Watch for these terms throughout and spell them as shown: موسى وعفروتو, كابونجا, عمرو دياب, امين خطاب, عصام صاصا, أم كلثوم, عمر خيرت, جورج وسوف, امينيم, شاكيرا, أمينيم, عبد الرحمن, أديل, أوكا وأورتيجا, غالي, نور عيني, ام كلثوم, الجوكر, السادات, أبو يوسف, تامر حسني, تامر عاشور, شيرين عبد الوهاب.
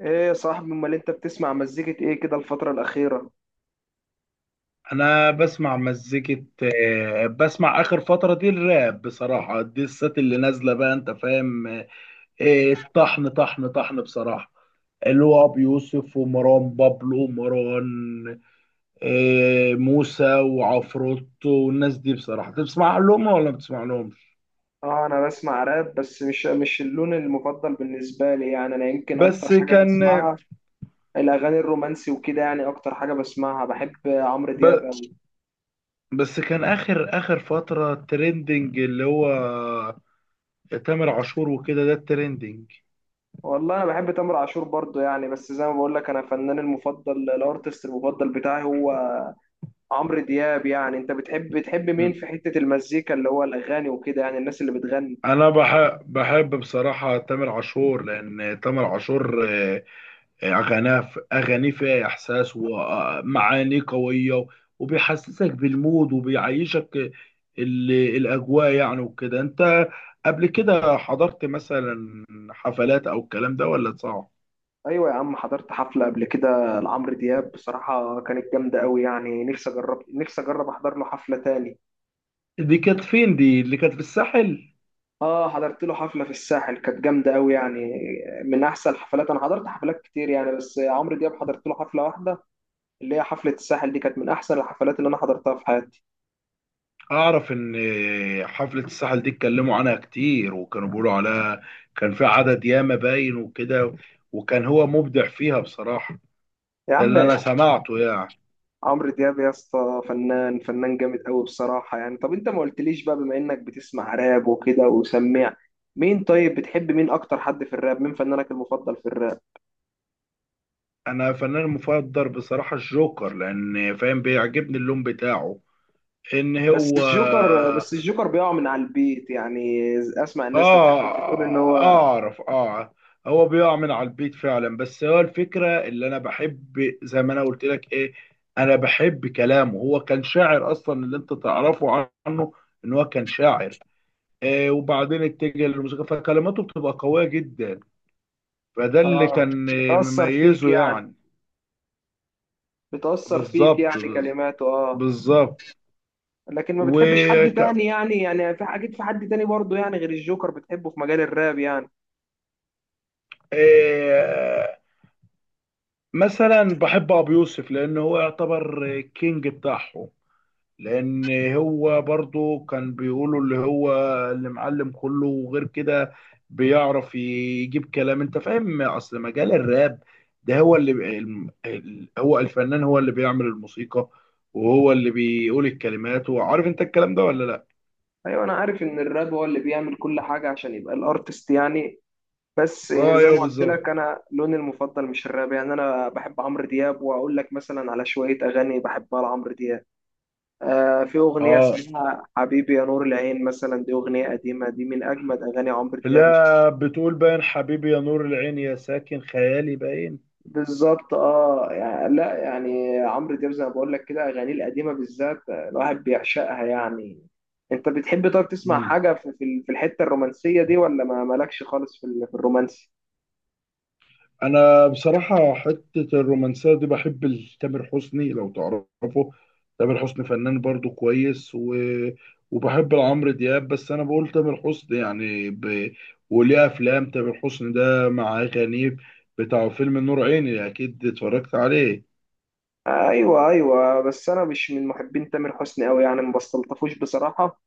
ايه يا صاحبي، امال انت بتسمع مزيكة ايه كده الفترة الأخيرة؟ انا بسمع مزيكة. بسمع اخر فترة دي الراب بصراحة، دي السات اللي نازلة بقى انت فاهم. طحن طحن طحن بصراحة، اللي هو ابو يوسف ومروان بابلو ومروان. موسى وعفروتو والناس دي، بصراحة بتسمع لهم ولا ما بتسمع لهمش؟ اه انا بسمع راب، بس مش اللون المفضل بالنسبة لي يعني، انا يمكن اكتر بس حاجة كان بسمعها الاغاني الرومانسي وكده، يعني اكتر حاجة بسمعها بحب عمرو دياب ب... قوي. بس كان اخر اخر فترة ترندنج، اللي هو تامر عاشور وكده، ده الترندنج. والله انا بحب تامر عاشور برضو يعني، بس زي ما بقول لك، انا فنان المفضل الارتست المفضل بتاعي هو عمرو دياب. يعني انت بتحب مين في حتة المزيكا، اللي هو الاغاني وكده، يعني الناس اللي بتغني؟ انا بحب بصراحه تامر عاشور، لان تامر عاشور اغانيه فيها احساس ومعاني قويه، وبيحسسك بالمود وبيعيشك ال- الاجواء يعني وكده. انت قبل كده حضرت مثلا حفلات او الكلام ده، ولا صعب؟ ايوه يا عم، حضرت حفله قبل كده لعمرو دياب بصراحه، كانت جامده قوي يعني. نفسي اجرب احضر له حفله تاني. دي كانت فين؟ دي اللي كانت في الساحل. اه حضرت له حفله في الساحل كانت جامده قوي يعني، من احسن الحفلات. انا حضرت حفلات كتير يعني، بس عمرو دياب حضرت له حفله واحده، اللي هي حفله الساحل دي، كانت من احسن الحفلات اللي انا حضرتها في حياتي. اعرف ان حفلة الساحل دي اتكلموا عنها كتير، وكانوا بيقولوا عليها كان في عدد ياما باين وكده، وكان هو مبدع فيها بصراحة. يا ده عم، اللي انا سمعته يعني. عمرو دياب يا اسطى، فنان فنان جامد قوي بصراحه يعني. طب انت ما قلتليش بقى، بما انك بتسمع راب وكده وسميع، مين؟ طيب بتحب مين اكتر، حد في الراب، مين فنانك المفضل في الراب؟ انا فنان مفضل بصراحة الجوكر، لان فاهم بيعجبني اللون بتاعه ان هو. بس الجوكر بيقع من على البيت يعني. اسمع الناس بتاعت الفيلم بتقول ان اه هو اعرف اه. هو بيقع من على البيت فعلا، بس هو الفكره اللي انا بحب زي ما انا قلت لك ايه، انا بحب كلامه. هو كان شاعر اصلا، اللي انت تعرفه عنه ان هو كان شاعر. وبعدين اتجه للموسيقى، فكلماته بتبقى قويه جدا، فده اللي اه. كان بتأثر فيك مميزه يعني يعني. بتأثر فيك بالظبط يعني بز- كلماته اه بالظبط. لكن ما و بتحبش حد ك- تاني يعني في اكيد في حد تاني برضه يعني، غير الجوكر بتحبه في مجال الراب يعني؟ آه مثلا بحب ابو يوسف، لان هو يعتبر كينج بتاعهم، لان هو برضو كان بيقولوا اللي هو اللي معلم كله وغير كده. بيعرف يجيب كلام، انت فاهم، اصل مجال الراب ده، هو اللي هو الفنان، هو اللي بيعمل الموسيقى، وهو اللي بيقول الكلمات، وعارف انت الكلام ده ولا لا؟ ايوه، انا عارف ان الراب هو اللي بيعمل كل حاجة عشان يبقى الارتست يعني. بس اه، زي ايوه، ما قلت بالظبط. لك، انا لوني المفضل مش الراب يعني، انا بحب عمرو دياب، واقول لك مثلا على شوية اغاني بحبها لعمرو دياب. في أغنية اه، اسمها حبيبي يا نور العين مثلا، دي أغنية قديمة، دي من أجمد أغاني عمرو دياب، مش عارف. لا، بتقول باين حبيبي يا نور العين، يا ساكن خيالي باين. بالظبط اه، يعني لا يعني عمرو دياب زي ما بقول لك كده، أغانيه القديمة بالذات الواحد بيعشقها يعني. أنت بتحب، طب تسمع حاجة في الحتة الرومانسية دي، ولا ما مالكش خالص في الرومانسي؟ انا بصراحه حته الرومانسيه دي بحب تامر حسني لو تعرفه. تامر حسني فنان برضو كويس، وبحب عمرو دياب، بس انا بقول تامر حسني يعني. وليه افلام تامر حسني ده مع غنيب، بتاع فيلم نور عيني، اكيد اتفرجت عليه. أيوه أيوه، بس أنا مش من محبين تامر حسني أوي يعني، ما بستلطفوش بصراحة.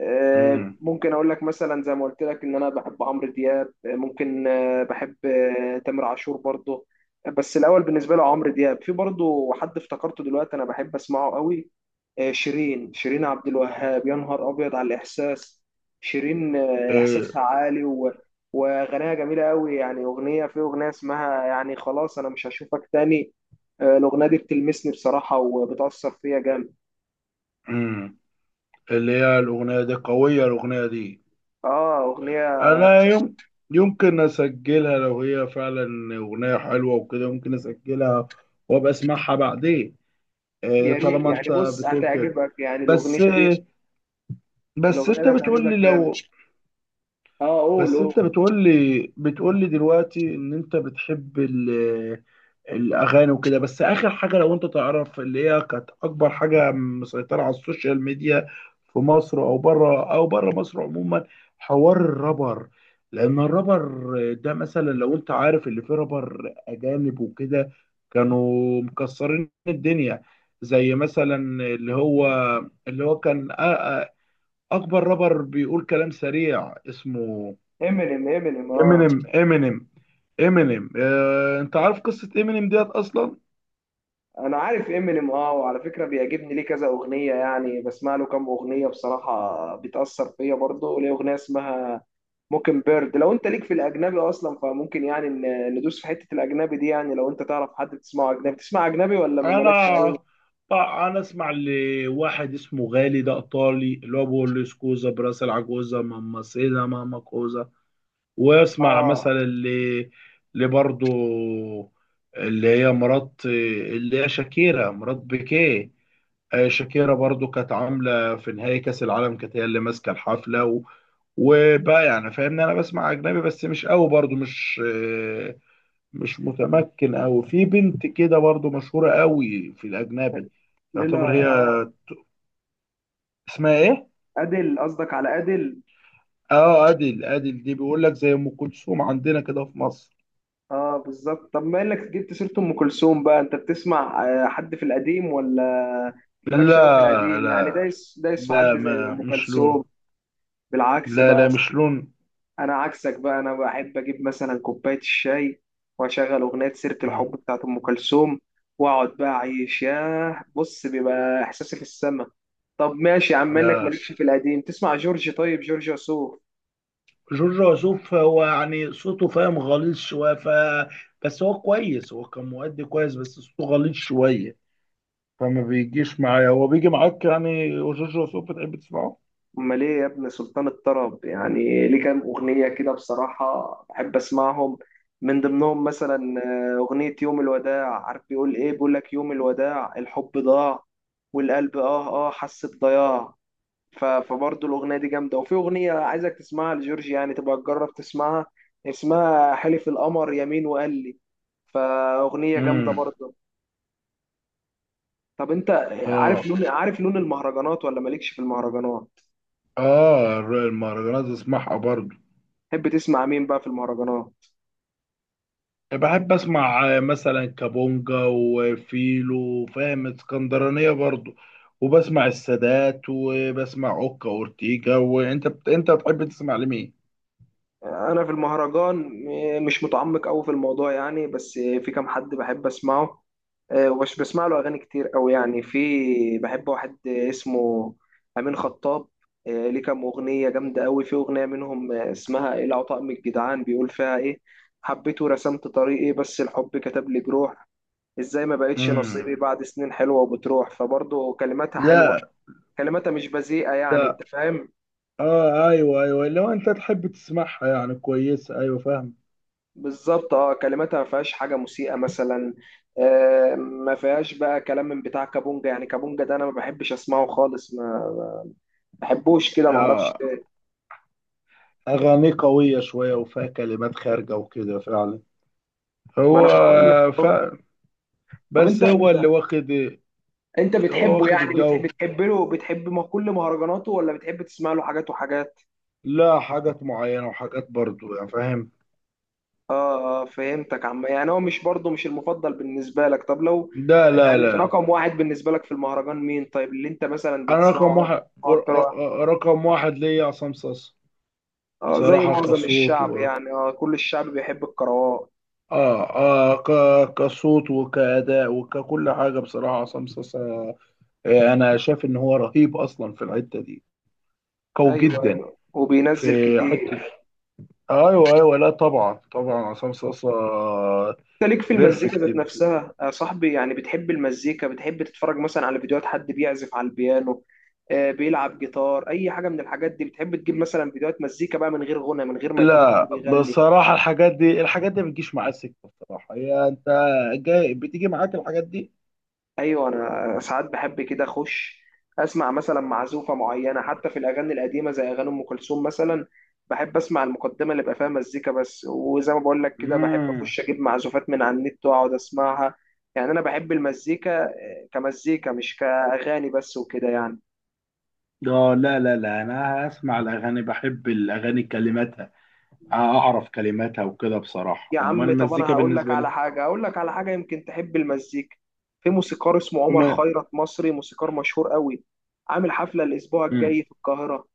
امم. ممكن اقول لك مثلا، زي ما قلت لك ان انا بحب عمرو دياب، ممكن، بحب، تامر عاشور برضه. بس الاول بالنسبه له عمرو دياب. في برضه حد افتكرته دلوقتي انا بحب اسمعه قوي، شيرين عبد الوهاب. يا نهار ابيض على الاحساس، شيرين إيه. احساسها عالي وغناها جميله قوي يعني. اغنيه، في اغنيه اسمها يعني خلاص انا مش هشوفك تاني، الاغنيه دي بتلمسني بصراحه وبتاثر فيا جامد. امم. اللي هي الاغنيه دي قويه، الاغنيه دي. اه اغنيه، انا يمكن اسجلها لو هي فعلا اغنيه حلوه وكده، ممكن اسجلها وابقى اسمعها بعدين. يعني طالما يعني انت بص بتقول كده. هتعجبك يعني، بس بس الاغنيه انت دي بتقول لي هتعجبك جامد. لو اه، قول بس انت قول. بتقول لي دلوقتي ان انت بتحب الاغاني وكده، بس اخر حاجه لو انت تعرف اللي هي كانت اكبر حاجه مسيطره على السوشيال ميديا في مصر او بره مصر عموما، حوار الرابر. لان الرابر ده مثلا، لو انت عارف اللي فيه رابر اجانب وكده، كانوا مكسرين الدنيا، زي مثلا اللي هو اللي هو كان أ- اكبر رابر بيقول كلام سريع اسمه امينيم، امينيم اه امينيم. امينيم امينيم. انت عارف قصة امينيم ديت اصلا؟ انا عارف امينيم اه، وعلى فكره بيعجبني ليه كذا اغنيه يعني، بسمع له كام اغنيه بصراحه بتاثر فيا برضه، ليه اغنيه اسمها موكن بيرد. لو انت ليك في الاجنبي اصلا فممكن يعني ندوس في حته الاجنبي دي يعني. لو انت تعرف حد بتسمعه اجنبي، تسمع اجنبي ولا ما انا مالكش قوي؟ بقى انا اسمع لواحد اسمه غالي، ده ايطالي، اللي هو بيقول لي سكوزا براسل عجوزا ماما سيدا ماما كوزا. واسمع مثلا اه، اللي برضو اللي هي مرات، اللي هي شاكيرا مرات بيكيه. شاكيرا برضو كانت عامله في نهائي كاس العالم، كانت هي اللي ماسكه الحفله وبقى يعني فاهمني، انا بسمع اجنبي بس مش قوي برضو، مش متمكن أوي. في بنت كده برضو مشهورة أوي في الأجنبي، تعتبر لا، هي، اه. اسمها إيه؟ ادل؟ قصدك على ادل؟ أديل. أديل دي بيقول لك زي أم كلثوم عندنا كده في مصر. اه بالظبط. طب ما انك جبت سيره ام كلثوم بقى، انت بتسمع حد في القديم، ولا مالكش قوي في لا، القديم يعني، لا، دايس دايس في لا، حد زي ما ام مش لون. كلثوم؟ بالعكس لا، بقى، لا، مش لون. انا عكسك بقى، انا بحب اجيب مثلا كوبايه الشاي واشغل اغنيه سيره مم. الحب بتاعت ام كلثوم، واقعد بقى اعيش. ياه بص بيبقى احساسي في السما. طب ماشي يا عم، انك لا. مالكش في القديم، تسمع جورج، طيب، جورج وسوف؟ جورج وسوف هو يعني صوته فاهم غليظ شوية بس هو كويس، هو كان مؤدي كويس، بس صوته غليظ شوية، فما بيجيش معايا. هو بيجي معاك يعني جورج وسوف، بتحب تسمعه؟ امال ايه يا ابن سلطان الطرب يعني، ليه كام اغنيه كده بصراحه بحب اسمعهم، من ضمنهم مثلا اغنيه يوم الوداع. عارف بيقول ايه؟ بيقول لك يوم الوداع الحب ضاع، والقلب حس بضياع. فبرضه الاغنيه دي جامده. وفي اغنيه عايزك تسمعها لجورج يعني، تبقى تجرب تسمعها، اسمها حلف القمر يمين وقال لي، فاغنيه جامده امم. برضه. طب انت عارف اه، لون، عارف لون المهرجانات، ولا مالكش في المهرجانات؟ اه، المهرجانات اسمعها برضو. تحب تسمع مين بقى في المهرجانات؟ بحب اسمع مثلا كابونجا وفيلو، فاهم اسكندرانية برضو، وبسمع السادات، وبسمع اوكا اورتيجا. وانت انت تحب تسمع لمين؟ انا في المهرجان مش متعمق قوي في الموضوع يعني، بس في كام حد بحب اسمعه، ومش بسمع له اغاني كتير قوي يعني. في بحب واحد اسمه امين خطاب، ليه كام اغنيه جامده قوي. في اغنيه منهم اسمها ايه العطاء من الجدعان، بيقول فيها ايه، حبيته رسمت طريقي بس الحب كتب لي جروح، ازاي ما بقتش امم. نصيبي بعد سنين حلوة وبتروح. فبرضه كلماتها حلوة، لا. كلماتها مش بذيئة يعني، ده انت فاهم. اه، ايوه، ايوه، لو انت تحب تسمعها يعني كويسة، ايوه فاهم. بالظبط اه، كلماتها ما فيهاش حاجه مسيئه مثلا، آه ما فيهاش بقى كلام من بتاع كابونجا. يعني كابونجا ده انا ما بحبش اسمعه خالص، ما بحبوش كده، ما اعرفش اه، ليه. اغاني قوية شوية وفيها كلمات خارجة وكده فعلا. ما انا هو بقول لك. ف... طب بس هو اللي واخد، انت هو بتحبه واخد يعني، الجو. بتحب ما كل مهرجاناته، ولا بتحب تسمع له حاجات وحاجات؟ لا، حاجات معينة وحاجات برضو يعني فاهم. اه اه، فهمتك عم، يعني هو مش برضه مش المفضل بالنسبه لك. طب لو ده لا يعني لا. رقم واحد بالنسبه لك في المهرجان مين، طيب، اللي انت مثلا انا رقم بتسمعه اكتر، واحد ور- اكتر واحد؟ آه، آه، رقم واحد ليا عصام صاصا. اه، زي بصراحة معظم كصوت الشعب و يعني، اه كل الشعب بيحب الكروات. اه اه ك... كصوت وكأداء وككل حاجة بصراحة عصام صاصا. انا شايف ان هو رهيب اصلا في الحتة دي قوي ايوه جدا. ايوه، في وبينزل حتة كتير. ايوه، ايوه، لا، طبعا، طبعا، عصام صاصا. انت ليك في المزيكا بيرفكت. ذات نفسها يا صاحبي، يعني بتحب المزيكا، بتحب تتفرج مثلا على فيديوهات حد بيعزف على البيانو، بيلعب جيتار، اي حاجه من الحاجات دي؟ بتحب تجيب مثلا فيديوهات مزيكا بقى، من غير غنى، من غير ما يكون حد لا، بيغني؟ بصراحة الحاجات دي ما بتجيش معايا سكة. بصراحة انت بتيجي معاك الحاجات دي؟ ايوه، انا ساعات بحب كده اخش اسمع مثلا معزوفه معينه، حتى في الاغاني القديمه زي اغاني ام كلثوم مثلا، بحب اسمع المقدمه اللي بقى فيها مزيكا بس. وزي ما بقول لك كده، بحب امم. اخش اجيب معزوفات من على النت واقعد اسمعها. يعني انا بحب المزيكا كمزيكا، مش كأغاني بس وكده يعني. اه، لا، لا، لا، انا اسمع الاغاني، بحب الاغاني كلماتها، اعرف كلماتها وكده بصراحة، يا امال عم طب، أنا المزيكا هقول لك بالنسبة على لي؟ حاجة، هقول لك على حاجة يمكن تحب المزيكا. في موسيقار اسمه عمر وما خيرت، مصري، موسيقار مشهور قوي، عامل حفلة الأسبوع امم. الجاي في القاهرة.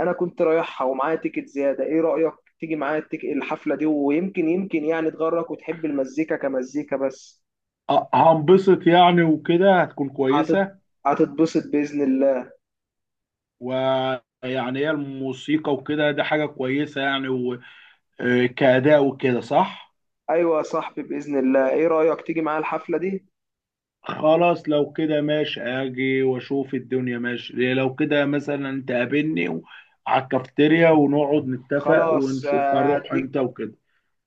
أنا كنت رايحها ومعايا تيكت زيادة، إيه رأيك تيجي معايا الحفلة دي؟ ويمكن يعني تغرك وتحب المزيكا كمزيكا بس. هنبسط يعني وكده هتكون هتت... كويسة. هتتبسط بإذن الله. ويعني هي الموسيقى وكده ده حاجة كويسة يعني، وكأداء وكده، صح؟ أيوة يا صاحبي، بإذن الله، إيه رأيك تيجي معايا الحفلة دي؟ خلاص، لو كده ماشي، اجي واشوف الدنيا. ماشي لو كده، مثلا تقابلني على الكافتيريا ونقعد نتفق، خلاص، ونشوف هنروح امتى وكده.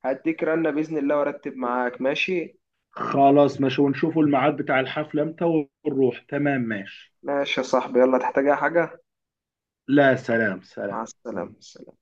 هديك رنة بإذن الله وأرتب معاك، ماشي. خلاص، ماشي، ونشوف الميعاد بتاع الحفلة امتى ونروح، تمام، ماشي. ماشي يا صاحبي، يلا، تحتاج أي حاجة؟ لا، سلام، مع سلام. السلامة، سلام.